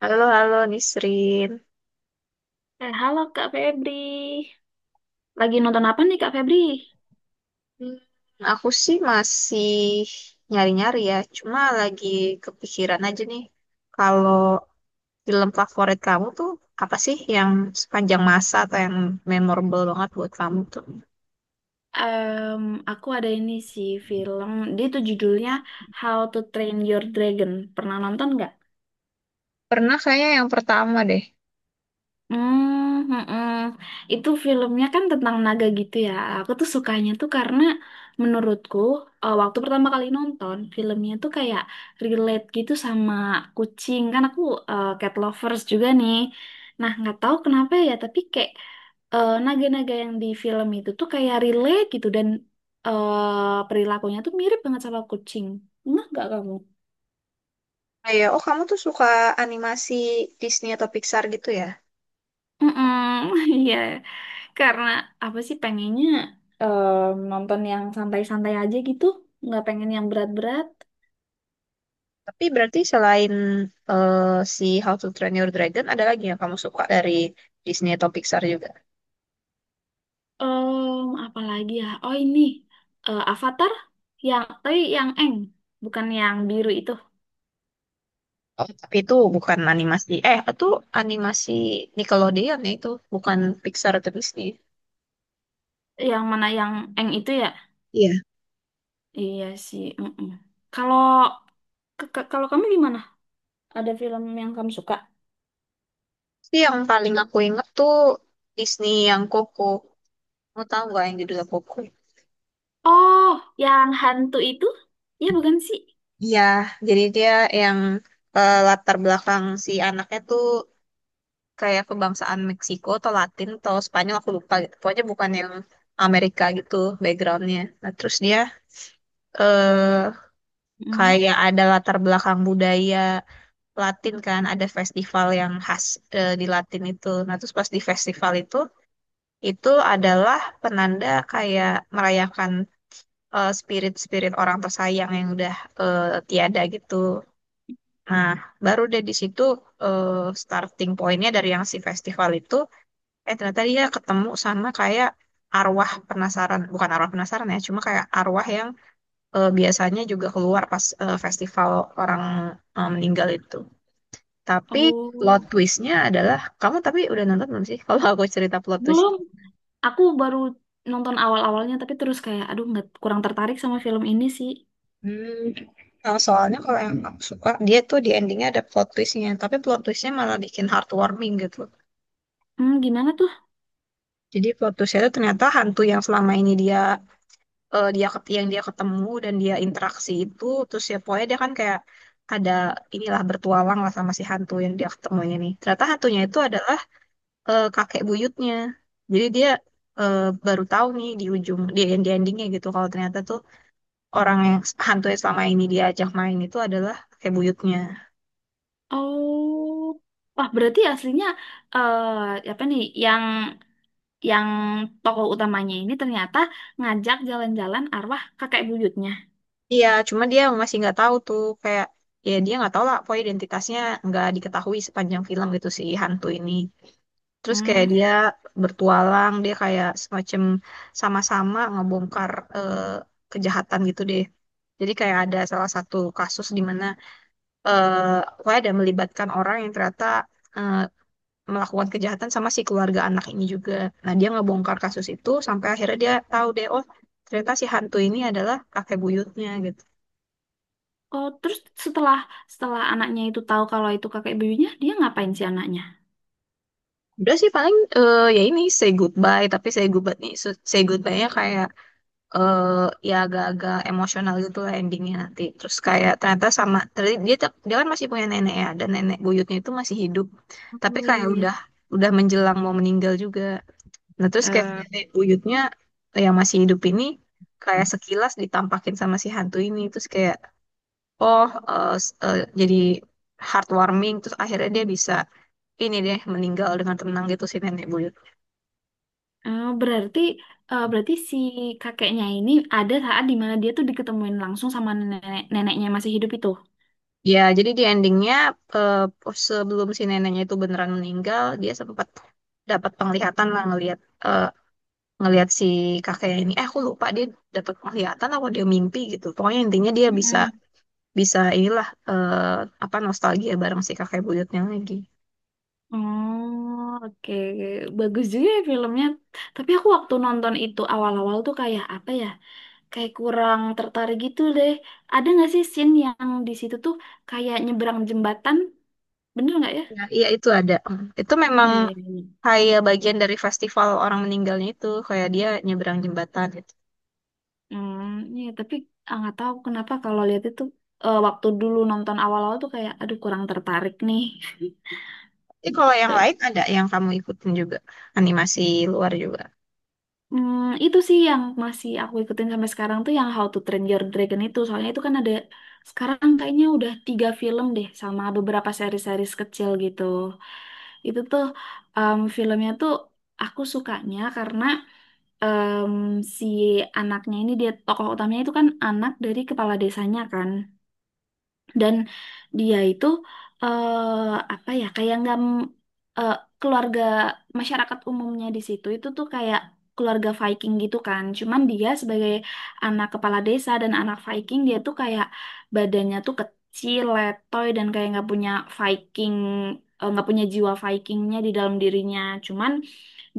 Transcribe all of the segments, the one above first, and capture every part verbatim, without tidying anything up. Halo, halo Nisrin. Eh, halo Kak Febri. Lagi nonton apa nih, Kak Febri? Hmm, aku sih masih nyari-nyari ya, cuma lagi kepikiran aja nih. Kalau film favorit kamu tuh apa sih yang sepanjang masa atau yang memorable banget buat kamu tuh? Em, aku ada ini sih film, dia tuh judulnya How to Train Your Dragon. Pernah nonton nggak? Pernah kayaknya yang pertama deh. Hmm, mm-mm. Itu filmnya kan tentang naga gitu ya. Aku tuh sukanya tuh karena menurutku eh, waktu pertama kali nonton filmnya tuh kayak relate gitu sama kucing. Kan aku eh, cat lovers juga nih. Nah, nggak tahu kenapa ya, tapi kayak eh, naga-naga yang di film itu tuh kayak relate gitu, dan eh, perilakunya tuh mirip banget sama kucing. Enggak nggak kamu? Ah, ya, oh kamu tuh suka animasi Disney atau Pixar gitu ya? Mm-mm, iya. Karena apa sih pengennya em, nonton yang santai-santai aja gitu, nggak pengen yang berat-berat. Tapi berarti selain eh, si How to Train Your Dragon, ada lagi yang kamu suka dari Disney atau Pixar juga? Em, apalagi ya? Oh ini eh, Avatar, yang tapi yang Eng, bukan yang biru itu. Oh, tapi itu bukan animasi. Eh, itu animasi Nickelodeon ya itu. Bukan Pixar atau Disney. Yang mana yang Eng itu ya? Iya. Iya sih. Mm-mm. Kalau ke- ke- kalau kamu gimana? Ada film yang kamu suka? Tapi yang paling aku inget tuh Disney yang Coco. Mau tahu nggak yang judulnya Coco? Oh, yang hantu itu? Iya, bukan sih? Iya, jadi dia yang eh, latar belakang si anaknya tuh kayak kebangsaan Meksiko atau Latin atau Spanyol aku lupa gitu. Pokoknya bukan yang Amerika gitu backgroundnya. Nah terus dia eh Mm. kayak ada latar belakang budaya Latin, kan ada festival yang khas eh, di Latin itu. Nah, terus pas di festival itu itu adalah penanda kayak merayakan eh, spirit-spirit orang tersayang yang udah eh, tiada gitu. Nah, baru deh di situ eh, starting pointnya dari yang si festival itu, eh ternyata dia ketemu sama kayak arwah penasaran, bukan arwah penasaran ya, cuma kayak arwah yang eh, biasanya juga keluar pas eh, festival orang eh, meninggal itu. Tapi plot Oh, twistnya adalah, kamu tapi udah nonton belum sih? Kalau aku cerita plot twist. belum. Aku baru nonton awal-awalnya, tapi terus kayak aduh nggak kurang tertarik sama film ini sih. Hmm. Nah, soalnya kalau yang aku suka, dia tuh di endingnya ada plot twistnya, tapi plot twistnya malah bikin heartwarming gitu. Hmm, gimana tuh? Jadi plot twistnya itu ternyata hantu yang selama ini dia eh, dia ket- yang dia ketemu dan dia interaksi itu, terus ya pokoknya dia kan kayak ada inilah bertualang lah sama si hantu yang dia ketemu ini. nih. Ternyata hantunya itu adalah eh, kakek buyutnya. Jadi dia eh, baru tahu nih di ujung di di endingnya gitu kalau ternyata tuh orang yang hantu yang selama ini dia ajak main itu adalah kakek buyutnya. Oh, wah berarti aslinya eh apa nih yang yang tokoh utamanya ini ternyata ngajak jalan-jalan arwah kakek buyutnya. Iya, cuma dia masih nggak tahu tuh kayak ya dia nggak tahu lah pokoknya identitasnya nggak diketahui sepanjang film gitu si hantu ini. Terus kayak Hmm. dia bertualang, dia kayak semacam sama-sama ngebongkar eh, kejahatan gitu deh. Jadi kayak ada salah satu kasus di mana eh pokoknya ada melibatkan orang yang ternyata eh, melakukan kejahatan sama si keluarga anak ini juga. Nah, dia ngebongkar kasus itu sampai akhirnya dia tahu deh, oh ternyata si hantu ini adalah kakek buyutnya gitu. Oh, terus setelah setelah anaknya itu tahu kalau itu kakek buyutnya, dia ngapain si anaknya? Udah sih paling eh, ya ini say goodbye, tapi say goodbye nih, say goodbye-nya kayak eh, ya agak-agak emosional gitu lah endingnya nanti. Terus kayak ternyata sama ter- dia tetap- dia kan masih punya nenek ya, dan nenek buyutnya itu masih hidup. Tapi Oh kayak iya. udah udah menjelang mau meninggal juga. Nah, terus kayak Eh, nenek buyutnya yang masih hidup ini kayak sekilas ditampakin sama si hantu ini. Terus kayak, oh, eh, s- eh, jadi heartwarming. Terus akhirnya dia bisa ini deh, meninggal dengan tenang gitu si nenek buyut. Oh, berarti eh, berarti si kakeknya ini ada saat di mana dia tuh diketemuin langsung sama nenek neneknya masih hidup itu. Ya, jadi di endingnya eh, pos- sebelum si neneknya itu beneran meninggal, dia sempat dapat penglihatan lah, ngelihat eh, ngelihat si kakeknya ini. Eh, aku lupa dia dapat penglihatan atau dia mimpi gitu. Pokoknya intinya dia bisa Mm. bisa inilah eh, apa nostalgia bareng si kakek buyutnya lagi. Oh, oke. Bagus juga ya filmnya. Tapi aku waktu nonton itu awal-awal tuh kayak apa ya? Kayak kurang tertarik gitu deh. Ada nggak sih scene yang di situ tuh kayak nyebrang jembatan? Bener nggak ya? Ya, iya itu ada. Hmm. Itu memang Eh, kayak bagian dari festival orang meninggalnya itu, kayak dia nyebrang jembatan gitu. hmm, ya, tapi ah, nggak tahu kenapa kalau lihat itu eh, waktu dulu nonton awal-awal tuh kayak aduh kurang tertarik nih. Tapi kalau Gitu. yang lain ada yang kamu ikutin juga, animasi luar juga. Hmm, itu sih yang masih aku ikutin sampai sekarang tuh yang How to Train Your Dragon itu. Soalnya itu kan ada sekarang kayaknya udah tiga film deh sama beberapa seri-series kecil gitu. Itu tuh em, filmnya tuh aku sukanya karena em, si anaknya ini dia tokoh utamanya itu kan anak dari kepala desanya kan. Dan dia itu eh, apa ya, kayak nggak m- eh, keluarga masyarakat umumnya di situ itu tuh kayak keluarga Viking gitu kan, cuman dia sebagai anak kepala desa dan anak Viking dia tuh kayak badannya tuh kecil letoy dan kayak nggak punya Viking eh, nggak punya jiwa Vikingnya di dalam dirinya, cuman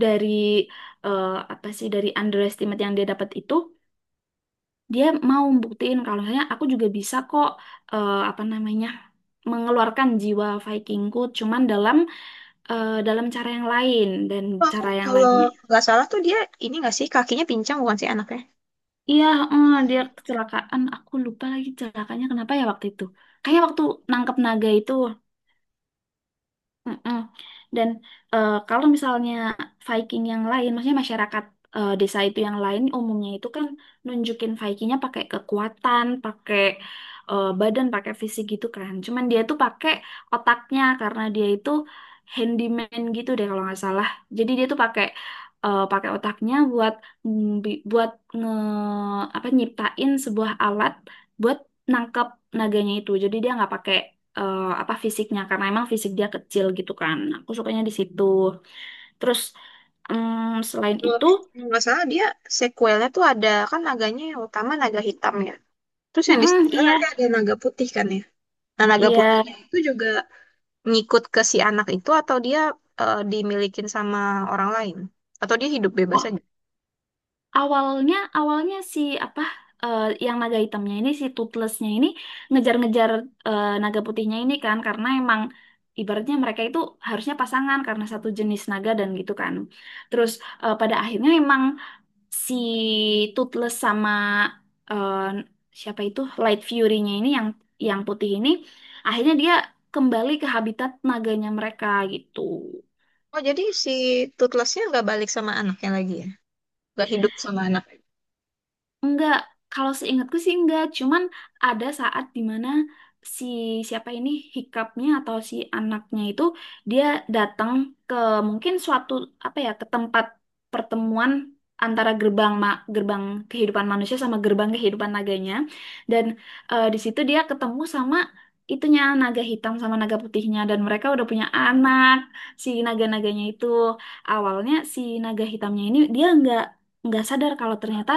dari eh, apa sih dari underestimate yang dia dapat itu dia mau buktiin kalau misalnya aku juga bisa kok eh, apa namanya mengeluarkan jiwa Vikingku cuman dalam eh, dalam cara yang lain dan Oh, aku cara yang kalau lainnya. nggak salah tuh dia ini, nggak sih, kakinya pincang bukan sih anaknya? Iya, eh, dia kecelakaan. Aku lupa lagi celakanya kenapa ya waktu itu. Kayak waktu nangkep naga itu. Mm-mm. Dan eh, kalau misalnya Viking yang lain, maksudnya masyarakat eh, desa itu yang lain, umumnya itu kan nunjukin Vikingnya pakai kekuatan, pakai eh, badan, pakai fisik gitu kan. Cuman dia tuh pakai otaknya karena dia itu handyman gitu deh kalau nggak salah. Jadi dia tuh pakai eh, pakai otaknya buat ngbi- buat nge apa nyiptain sebuah alat buat nangkep naganya itu. Jadi dia nggak pakai eh, apa fisiknya karena emang fisik dia kecil gitu kan. Aku sukanya di situ. Terus mm, selain Kalau itu, nggak salah dia sequelnya tuh ada kan, naganya yang utama naga hitam ya. Terus yang di mm-mm, sebelah iya, nanti ada naga putih kan ya. Nah, naga iya. putihnya itu juga ngikut ke si anak itu atau dia eh, dimilikin sama orang lain? Atau dia hidup bebas Oh, aja? awalnya awalnya si apa eh, yang naga hitamnya ini si Toothlessnya ini ngejar-ngejar eh, naga putihnya ini kan karena emang ibaratnya mereka itu harusnya pasangan karena satu jenis naga dan gitu kan. Terus eh, pada akhirnya emang si Toothless sama eh, siapa itu Light Fury-nya ini yang yang putih ini akhirnya dia kembali ke habitat naganya mereka gitu. Oh, jadi si tutlesnya nggak balik sama anaknya lagi ya? Nggak hidup sama anak. Enggak, kalau seingatku sih enggak. Cuman ada saat dimana si siapa ini hikapnya atau si anaknya itu dia datang ke mungkin suatu apa ya ke tempat pertemuan antara gerbang ma gerbang kehidupan manusia sama gerbang kehidupan naganya, dan eh, di situ dia ketemu sama itunya naga hitam sama naga putihnya dan mereka udah punya anak si naga-naganya itu. Awalnya si naga hitamnya ini dia enggak nggak sadar kalau ternyata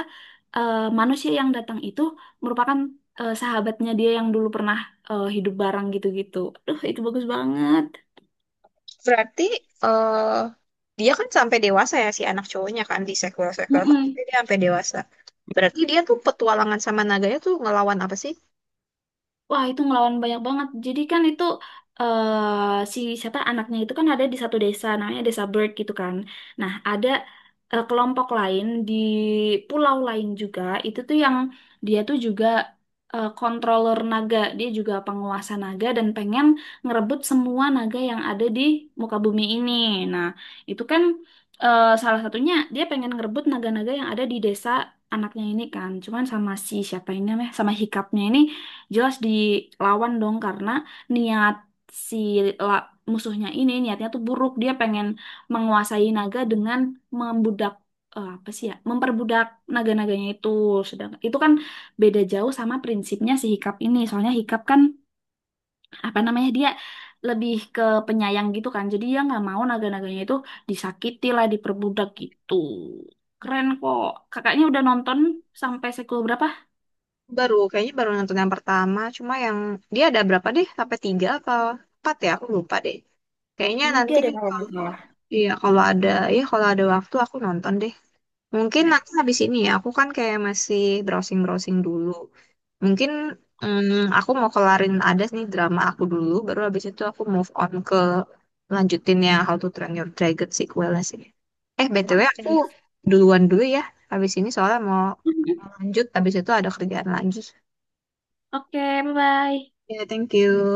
eh, manusia yang datang itu merupakan eh, sahabatnya dia yang dulu pernah eh, hidup bareng gitu-gitu. Aduh, itu bagus banget. Berarti eh dia kan sampai dewasa ya si anak cowoknya kan di sequel-sequel. Tapi Mm-mm. dia sampai dewasa. Berarti dia tuh petualangan sama naganya tuh ngelawan apa sih? Wah, itu ngelawan banyak banget. Jadi kan itu eh si siapa anaknya itu kan ada di satu desa namanya Desa Bird gitu kan. Nah, ada eh, kelompok lain di pulau lain juga itu tuh yang dia tuh juga eh, controller naga. Dia juga penguasa naga dan pengen ngerebut semua naga yang ada di muka bumi ini. Nah, itu kan eh, salah satunya dia pengen ngerebut naga-naga yang ada di desa anaknya ini kan. Cuman sama si siapa ini namanya sama hikapnya ini jelas dilawan dong karena niat si la- musuhnya ini niatnya tuh buruk, dia pengen menguasai naga dengan membudak eh, apa sih ya memperbudak naga-naganya itu, sedangkan itu kan beda jauh sama prinsipnya si Hikap ini. Soalnya Hikap kan apa namanya dia lebih ke penyayang gitu kan, jadi dia nggak mau naga-naganya itu disakiti lah, diperbudak gitu. Keren kok. Kakaknya udah nonton sampai sekul berapa? Baru, kayaknya baru nonton yang pertama. Cuma yang dia ada berapa deh? Sampai tiga apa empat ya? Aku lupa deh. Kayaknya Tiga nanti deh kalau nggak kalau salah. iya, kalau ada, ya kalau ada waktu aku nonton deh. Mungkin Nah. nanti habis ini ya, aku kan kayak masih browsing-browsing dulu. Mungkin mm, aku mau kelarin ada nih drama aku dulu, baru habis itu aku move on ke lanjutin yang How to Train Your Dragon sequelnya sih. Eh B T W aku Oke, duluan dulu ya, habis ini soalnya mau lanjut, habis itu ada kerjaan lagi. oke, bye-bye. Ya, thank you.